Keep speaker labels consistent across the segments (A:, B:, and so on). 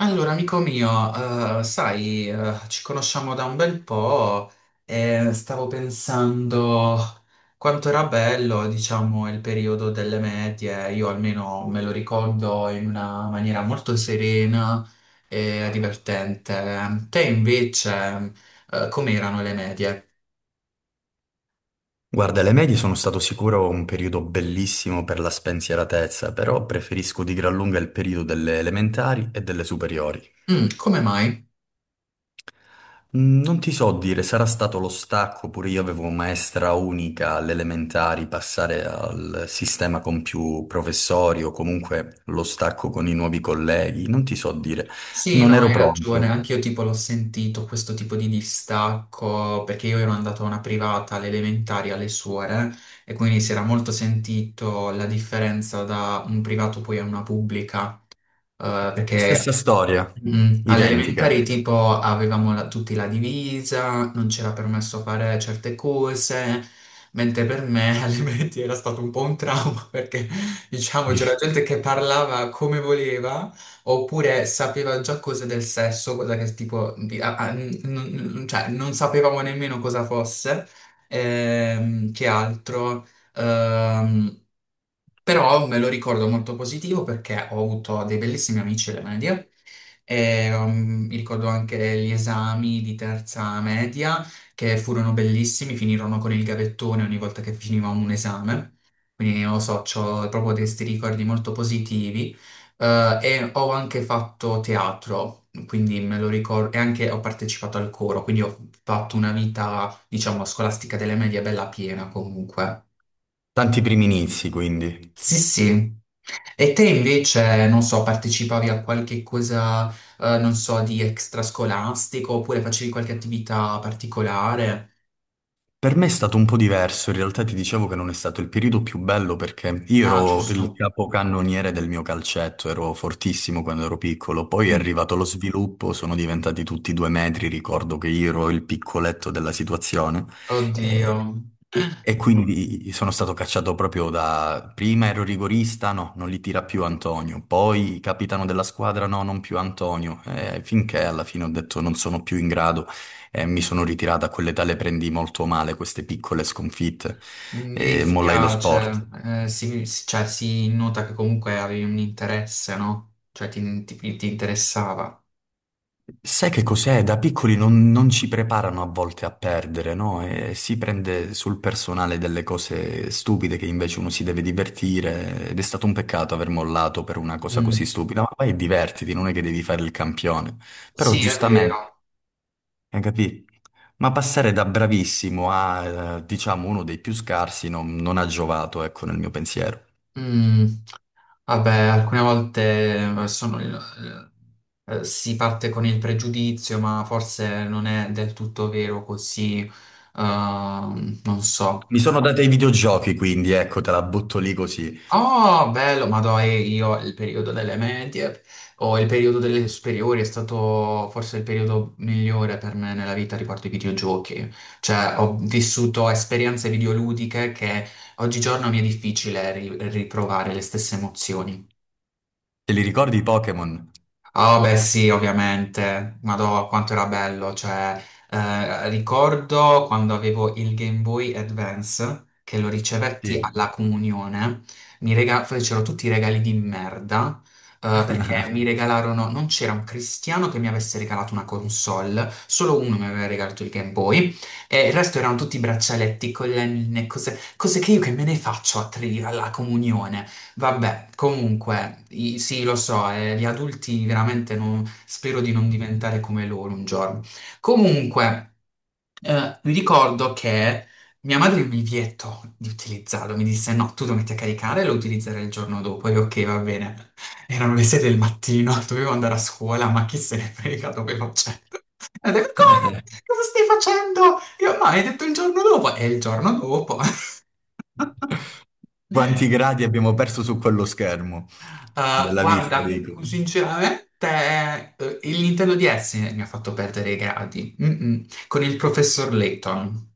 A: Allora, amico mio, sai, ci conosciamo da un bel po' e stavo pensando quanto era bello, diciamo, il periodo delle medie. Io almeno me lo ricordo in una maniera molto serena e divertente. Te invece, come erano le medie?
B: Guarda, le medie sono stato sicuro un periodo bellissimo per la spensieratezza, però preferisco di gran lunga il periodo delle elementari e delle superiori.
A: Mm, come mai?
B: Non ti so dire, sarà stato lo stacco, pure io avevo maestra unica alle elementari, passare al sistema con più professori o comunque lo stacco con i nuovi colleghi, non ti so dire.
A: Sì, no,
B: Non
A: hai
B: ero
A: ragione,
B: pronto.
A: anche io tipo l'ho sentito questo tipo di distacco perché io ero andato a una privata alle elementari alle suore e quindi si era molto sentito la differenza da un privato poi a una pubblica perché
B: Stessa storia,
A: Mm, alle
B: identica.
A: elementari tipo avevamo tutti la divisa, non c'era permesso fare certe cose, mentre per me alle medie era stato un po' un trauma perché diciamo c'era gente che parlava come voleva oppure sapeva già cose del sesso, cosa che tipo cioè, non sapevamo nemmeno cosa fosse, che altro. Ehm, Però me lo ricordo molto positivo perché ho avuto dei bellissimi amici alle medie. E, mi ricordo anche gli esami di terza media che furono bellissimi, finirono con il gavettone ogni volta che finiva un esame. Quindi non lo so, ho proprio questi ricordi molto positivi. E ho anche fatto teatro, quindi me lo ricordo, e anche ho partecipato al coro, quindi ho fatto una vita, diciamo, scolastica delle medie bella piena comunque.
B: Tanti primi inizi, quindi.
A: Sì, sì. E te invece, non so, partecipavi a qualche cosa, non so, di extrascolastico oppure facevi qualche attività particolare?
B: Per me è stato un po' diverso, in realtà ti dicevo che non è stato il periodo più bello perché io
A: Ah,
B: ero il
A: giusto.
B: capocannoniere del mio calcetto, ero fortissimo quando ero piccolo, poi è
A: Mm.
B: arrivato lo sviluppo, sono diventati tutti due metri, ricordo che io ero il piccoletto della situazione
A: Oddio.
B: e quindi sono stato cacciato proprio da... Prima ero rigorista, no, non li tira più Antonio. Poi capitano della squadra, no, non più Antonio. Finché alla fine ho detto non sono più in grado e mi sono ritirato. A quell'età le prendi molto male queste piccole sconfitte
A: Mi
B: e mollai lo
A: dispiace,
B: sport.
A: cioè, si nota che comunque avevi un interesse, no? Cioè ti interessava.
B: Sai che cos'è? Da piccoli non ci preparano a volte a perdere, no? E si prende sul personale delle cose stupide che invece uno si deve divertire ed è stato un peccato aver mollato per una cosa così
A: Mm.
B: stupida, ma vai e divertiti, non è che devi fare il campione. Però
A: Sì, è
B: giustamente,
A: vero.
B: hai capito? Ma passare da bravissimo a, diciamo, uno dei più scarsi non ha giovato, ecco, nel mio pensiero.
A: Mm. Vabbè, alcune volte eh, sono il- si parte con il pregiudizio, ma forse non è del tutto vero così, non so.
B: Mi sono dato i videogiochi, quindi, ecco, te la butto lì così.
A: Oh, bello, ma dai, io il periodo delle medie o il periodo delle superiori è stato forse il periodo migliore per me nella vita riguardo ai videogiochi. Cioè, ho vissuto esperienze videoludiche che oggigiorno mi è difficile riprovare le stesse emozioni.
B: Te li ricordi i Pokémon?
A: Ah, beh, sì, ovviamente. Madò, quanto era bello. Cioè, ricordo quando avevo il Game Boy Advance, che lo ricevetti
B: Sì.
A: alla comunione, fecero tutti i regali di merda, perché mi regalarono... Non c'era un cristiano che mi avesse regalato una console, solo uno mi aveva regalato il Game Boy, e il resto erano tutti braccialetti, collanine, cose, cose che io che me ne faccio alla comunione. Vabbè, comunque, sì, lo so, gli adulti veramente spero di non diventare come loro un giorno. Comunque, mi ricordo che mia madre mi vietò di utilizzarlo, mi disse no, tu lo metti a caricare e lo utilizzerai il giorno dopo. Io ok, va bene. Erano le 6 del mattino, dovevo andare a scuola, ma chi se ne frega, dovevo accendere. E ho detto, come? Cosa stai facendo? Io no, hai detto il giorno dopo. E il giorno dopo.
B: Quanti gradi abbiamo perso su quello schermo della vista,
A: Guarda,
B: dico.
A: sinceramente, il Nintendo DS mi ha fatto perdere i gradi. Mm-mm. Con il professor Layton.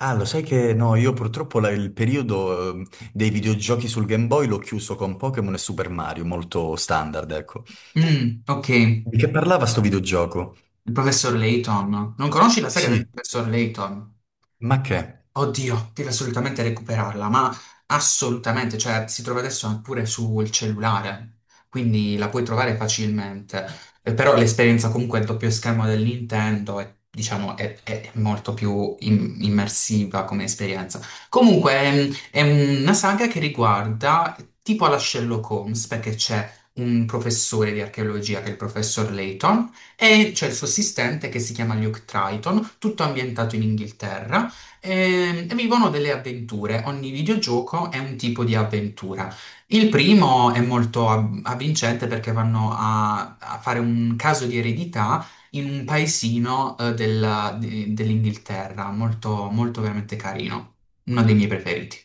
B: Ah, lo sai che no, io purtroppo il periodo dei videogiochi sul Game Boy l'ho chiuso con Pokémon e Super Mario, molto standard, ecco.
A: Mm, ok, il
B: Di che parlava sto videogioco?
A: professor Layton. Non conosci la saga del
B: Sì,
A: professor Layton?
B: ma che?
A: Oddio, deve assolutamente recuperarla, ma assolutamente, cioè si trova adesso anche pure sul cellulare, quindi la puoi trovare facilmente. Però l'esperienza comunque del doppio schermo del Nintendo è, diciamo, è molto più immersiva come esperienza. Comunque è una saga che riguarda tipo alla Sherlock Holmes, perché c'è un professore di archeologia che è il professor Layton e c'è il suo assistente che si chiama Luke Triton, tutto ambientato in Inghilterra. E vivono delle avventure. Ogni videogioco è un tipo di avventura. Il primo è molto avvincente perché vanno a fare un caso di eredità in un paesino, dell'Inghilterra, molto, molto veramente carino. Uno dei miei preferiti.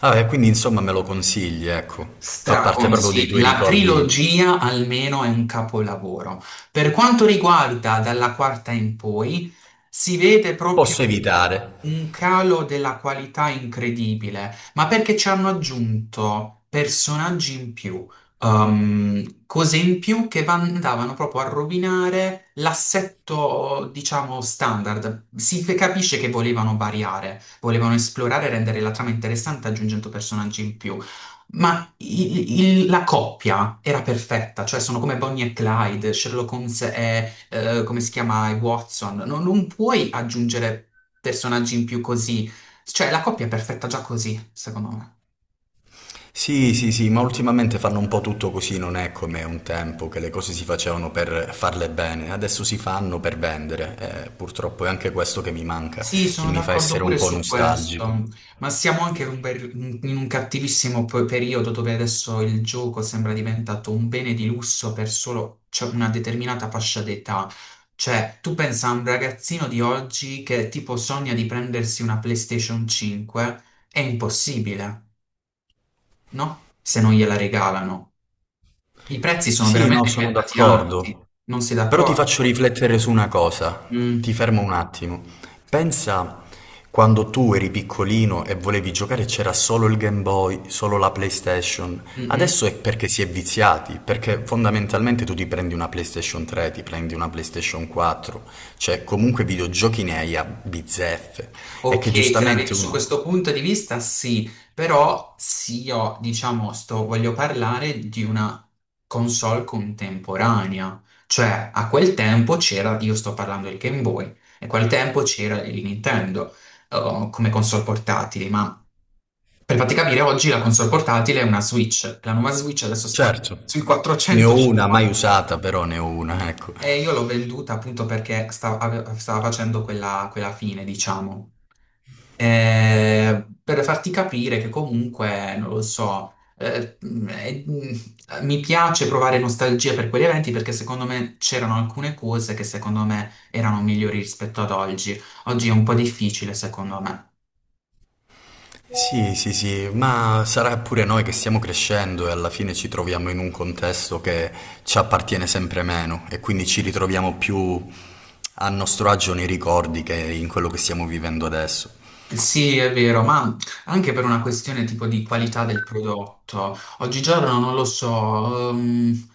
B: Vabbè, quindi insomma me lo consigli,
A: D'accordo.
B: ecco. Fa parte proprio dei
A: Straconsiglio.
B: tuoi
A: La
B: ricordi.
A: trilogia almeno è un capolavoro. Per quanto riguarda dalla quarta in poi, si vede proprio
B: Posso evitare.
A: un calo della qualità incredibile, ma perché ci hanno aggiunto personaggi in più, cose in più che andavano proprio a rovinare l'assetto, diciamo, standard. Si capisce che volevano variare, volevano esplorare e rendere la trama interessante aggiungendo personaggi in più. Ma la coppia era perfetta, cioè sono come Bonnie e Clyde, Sherlock Holmes e, come si chiama, e Watson. Non puoi aggiungere personaggi in più così. Cioè, la coppia è perfetta già così, secondo me.
B: Sì, sì, sì, ma ultimamente fanno un po' tutto così, non è come un tempo che le cose si facevano per farle bene, adesso si fanno per vendere. Purtroppo è anche questo che mi manca
A: Sì,
B: e
A: sono
B: mi fa
A: d'accordo
B: essere un
A: pure
B: po'
A: su
B: nostalgico.
A: questo, ma siamo anche in un, in un cattivissimo periodo dove adesso il gioco sembra diventato un bene di lusso per solo cioè, una determinata fascia d'età. Cioè, tu pensa a un ragazzino di oggi che tipo sogna di prendersi una PlayStation 5, è impossibile, no? Se non gliela regalano. I prezzi sono
B: Sì, no,
A: veramente
B: sono
A: diventati alti,
B: d'accordo.
A: non sei
B: Però ti
A: d'accordo?
B: faccio riflettere su una cosa. Ti
A: Mm,
B: fermo un attimo. Pensa quando tu eri piccolino e volevi giocare e c'era solo il Game Boy, solo la PlayStation.
A: mm, mm.
B: Adesso è perché si è viziati, perché fondamentalmente tu ti prendi una PlayStation 3, ti prendi una PlayStation 4, cioè comunque videogiochi ne hai a bizzeffe. È che
A: Ok, se la vedi
B: giustamente
A: su
B: uno...
A: questo punto di vista, sì, però sì, io diciamo, sto, voglio parlare di una console contemporanea, cioè a quel tempo c'era, io sto parlando del Game Boy, e a quel tempo c'era il Nintendo come console portatili, ma per farti capire, oggi la console portatile è una Switch, la nuova Switch adesso sta
B: Certo.
A: sui
B: Ne ho una, mai
A: 450.
B: usata, però ne ho una, ecco.
A: E io l'ho venduta appunto perché stava facendo quella, quella fine, diciamo. Per farti capire che comunque, non lo so, mi piace provare nostalgia per quegli eventi perché secondo me c'erano alcune cose che secondo me erano migliori rispetto ad oggi. Oggi è un po' difficile, secondo me.
B: Sì, sì, sì, ma sarà pure noi che stiamo crescendo e alla fine ci troviamo in un contesto che ci appartiene sempre meno e quindi ci ritroviamo più a nostro agio nei ricordi che in quello che stiamo vivendo adesso.
A: Sì, è vero, ma anche per una questione tipo di qualità del prodotto. Oggigiorno non lo so,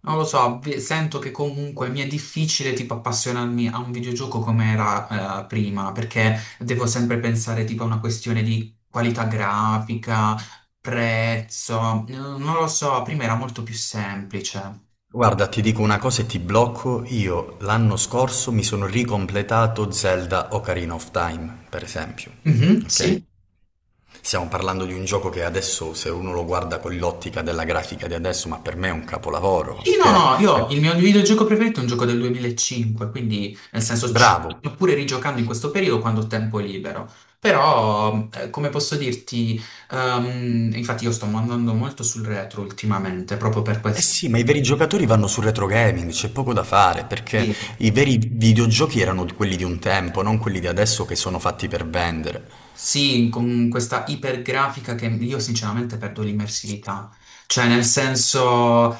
A: non lo so, sento che comunque mi è difficile tipo appassionarmi a un videogioco come era prima, perché devo sempre pensare tipo a una questione di qualità grafica, prezzo, non lo so, prima era molto più semplice.
B: Guarda, ti dico una cosa e ti blocco, io l'anno scorso mi sono ricompletato Zelda Ocarina of Time, per esempio,
A: Mhm,
B: ok?
A: sì.
B: Stiamo parlando di un gioco che adesso, se uno lo guarda con l'ottica della grafica di adesso, ma per me è un capolavoro,
A: Sì, no, no,
B: ok?
A: io
B: Per-
A: il mio videogioco preferito è un gioco del 2005, quindi nel senso ci
B: Bravo.
A: sto pure rigiocando in questo periodo quando ho tempo libero. Però, come posso dirti, infatti io sto andando molto sul retro ultimamente, proprio per
B: Eh
A: questo.
B: sì, ma i veri giocatori vanno sul retro gaming, c'è poco da fare, perché
A: Sì,
B: i veri videogiochi erano quelli di un tempo, non quelli di adesso che sono fatti per vendere.
A: sì, con questa ipergrafica che io sinceramente perdo l'immersività. Cioè, nel senso...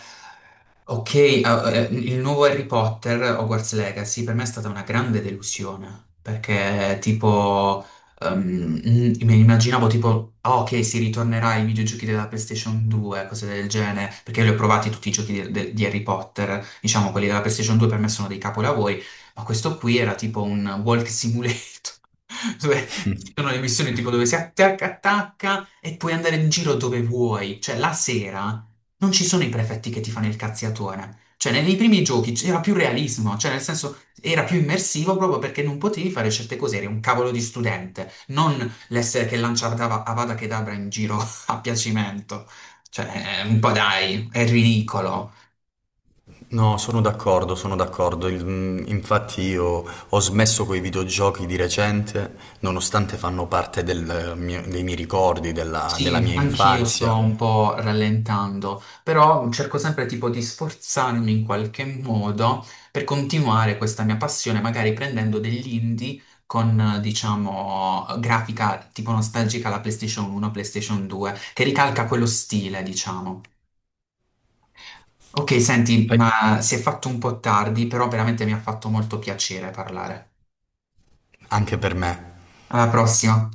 A: Ok, il nuovo Harry Potter, Hogwarts Legacy, per me è stata una grande delusione, perché tipo, ehm, mi immaginavo tipo, ah, ok, si ritornerà ai videogiochi della PlayStation 2, cose del genere, perché li ho provati tutti i giochi di Harry Potter, diciamo, quelli della PlayStation 2 per me sono dei capolavori, ma questo qui era tipo un walk simulator, dove ci sono le missioni tipo dove si attacca, attacca e puoi andare in giro dove vuoi, cioè la sera non ci sono i prefetti che ti fanno il cazziatore. Cioè, nei primi giochi c'era più realismo, cioè nel senso era più immersivo proprio perché non potevi fare certe cose, eri un cavolo di studente, non l'essere che lanciava Avada Kedavra in giro a piacimento. Cioè, un po' dai, è ridicolo.
B: No, sono d'accordo, sono d'accordo. Infatti io ho smesso con i videogiochi di recente, nonostante fanno parte del dei miei ricordi, della
A: Sì,
B: mia
A: anch'io sto
B: infanzia.
A: un po' rallentando, però cerco sempre tipo di sforzarmi in qualche modo per continuare questa mia passione, magari prendendo degli indie con, diciamo, grafica tipo nostalgica alla PlayStation 1, PlayStation 2, che ricalca quello stile, diciamo. Ok, senti,
B: Fai-
A: ma si è fatto un po' tardi, però veramente mi ha fatto molto piacere parlare.
B: Anche per me.
A: Alla prossima.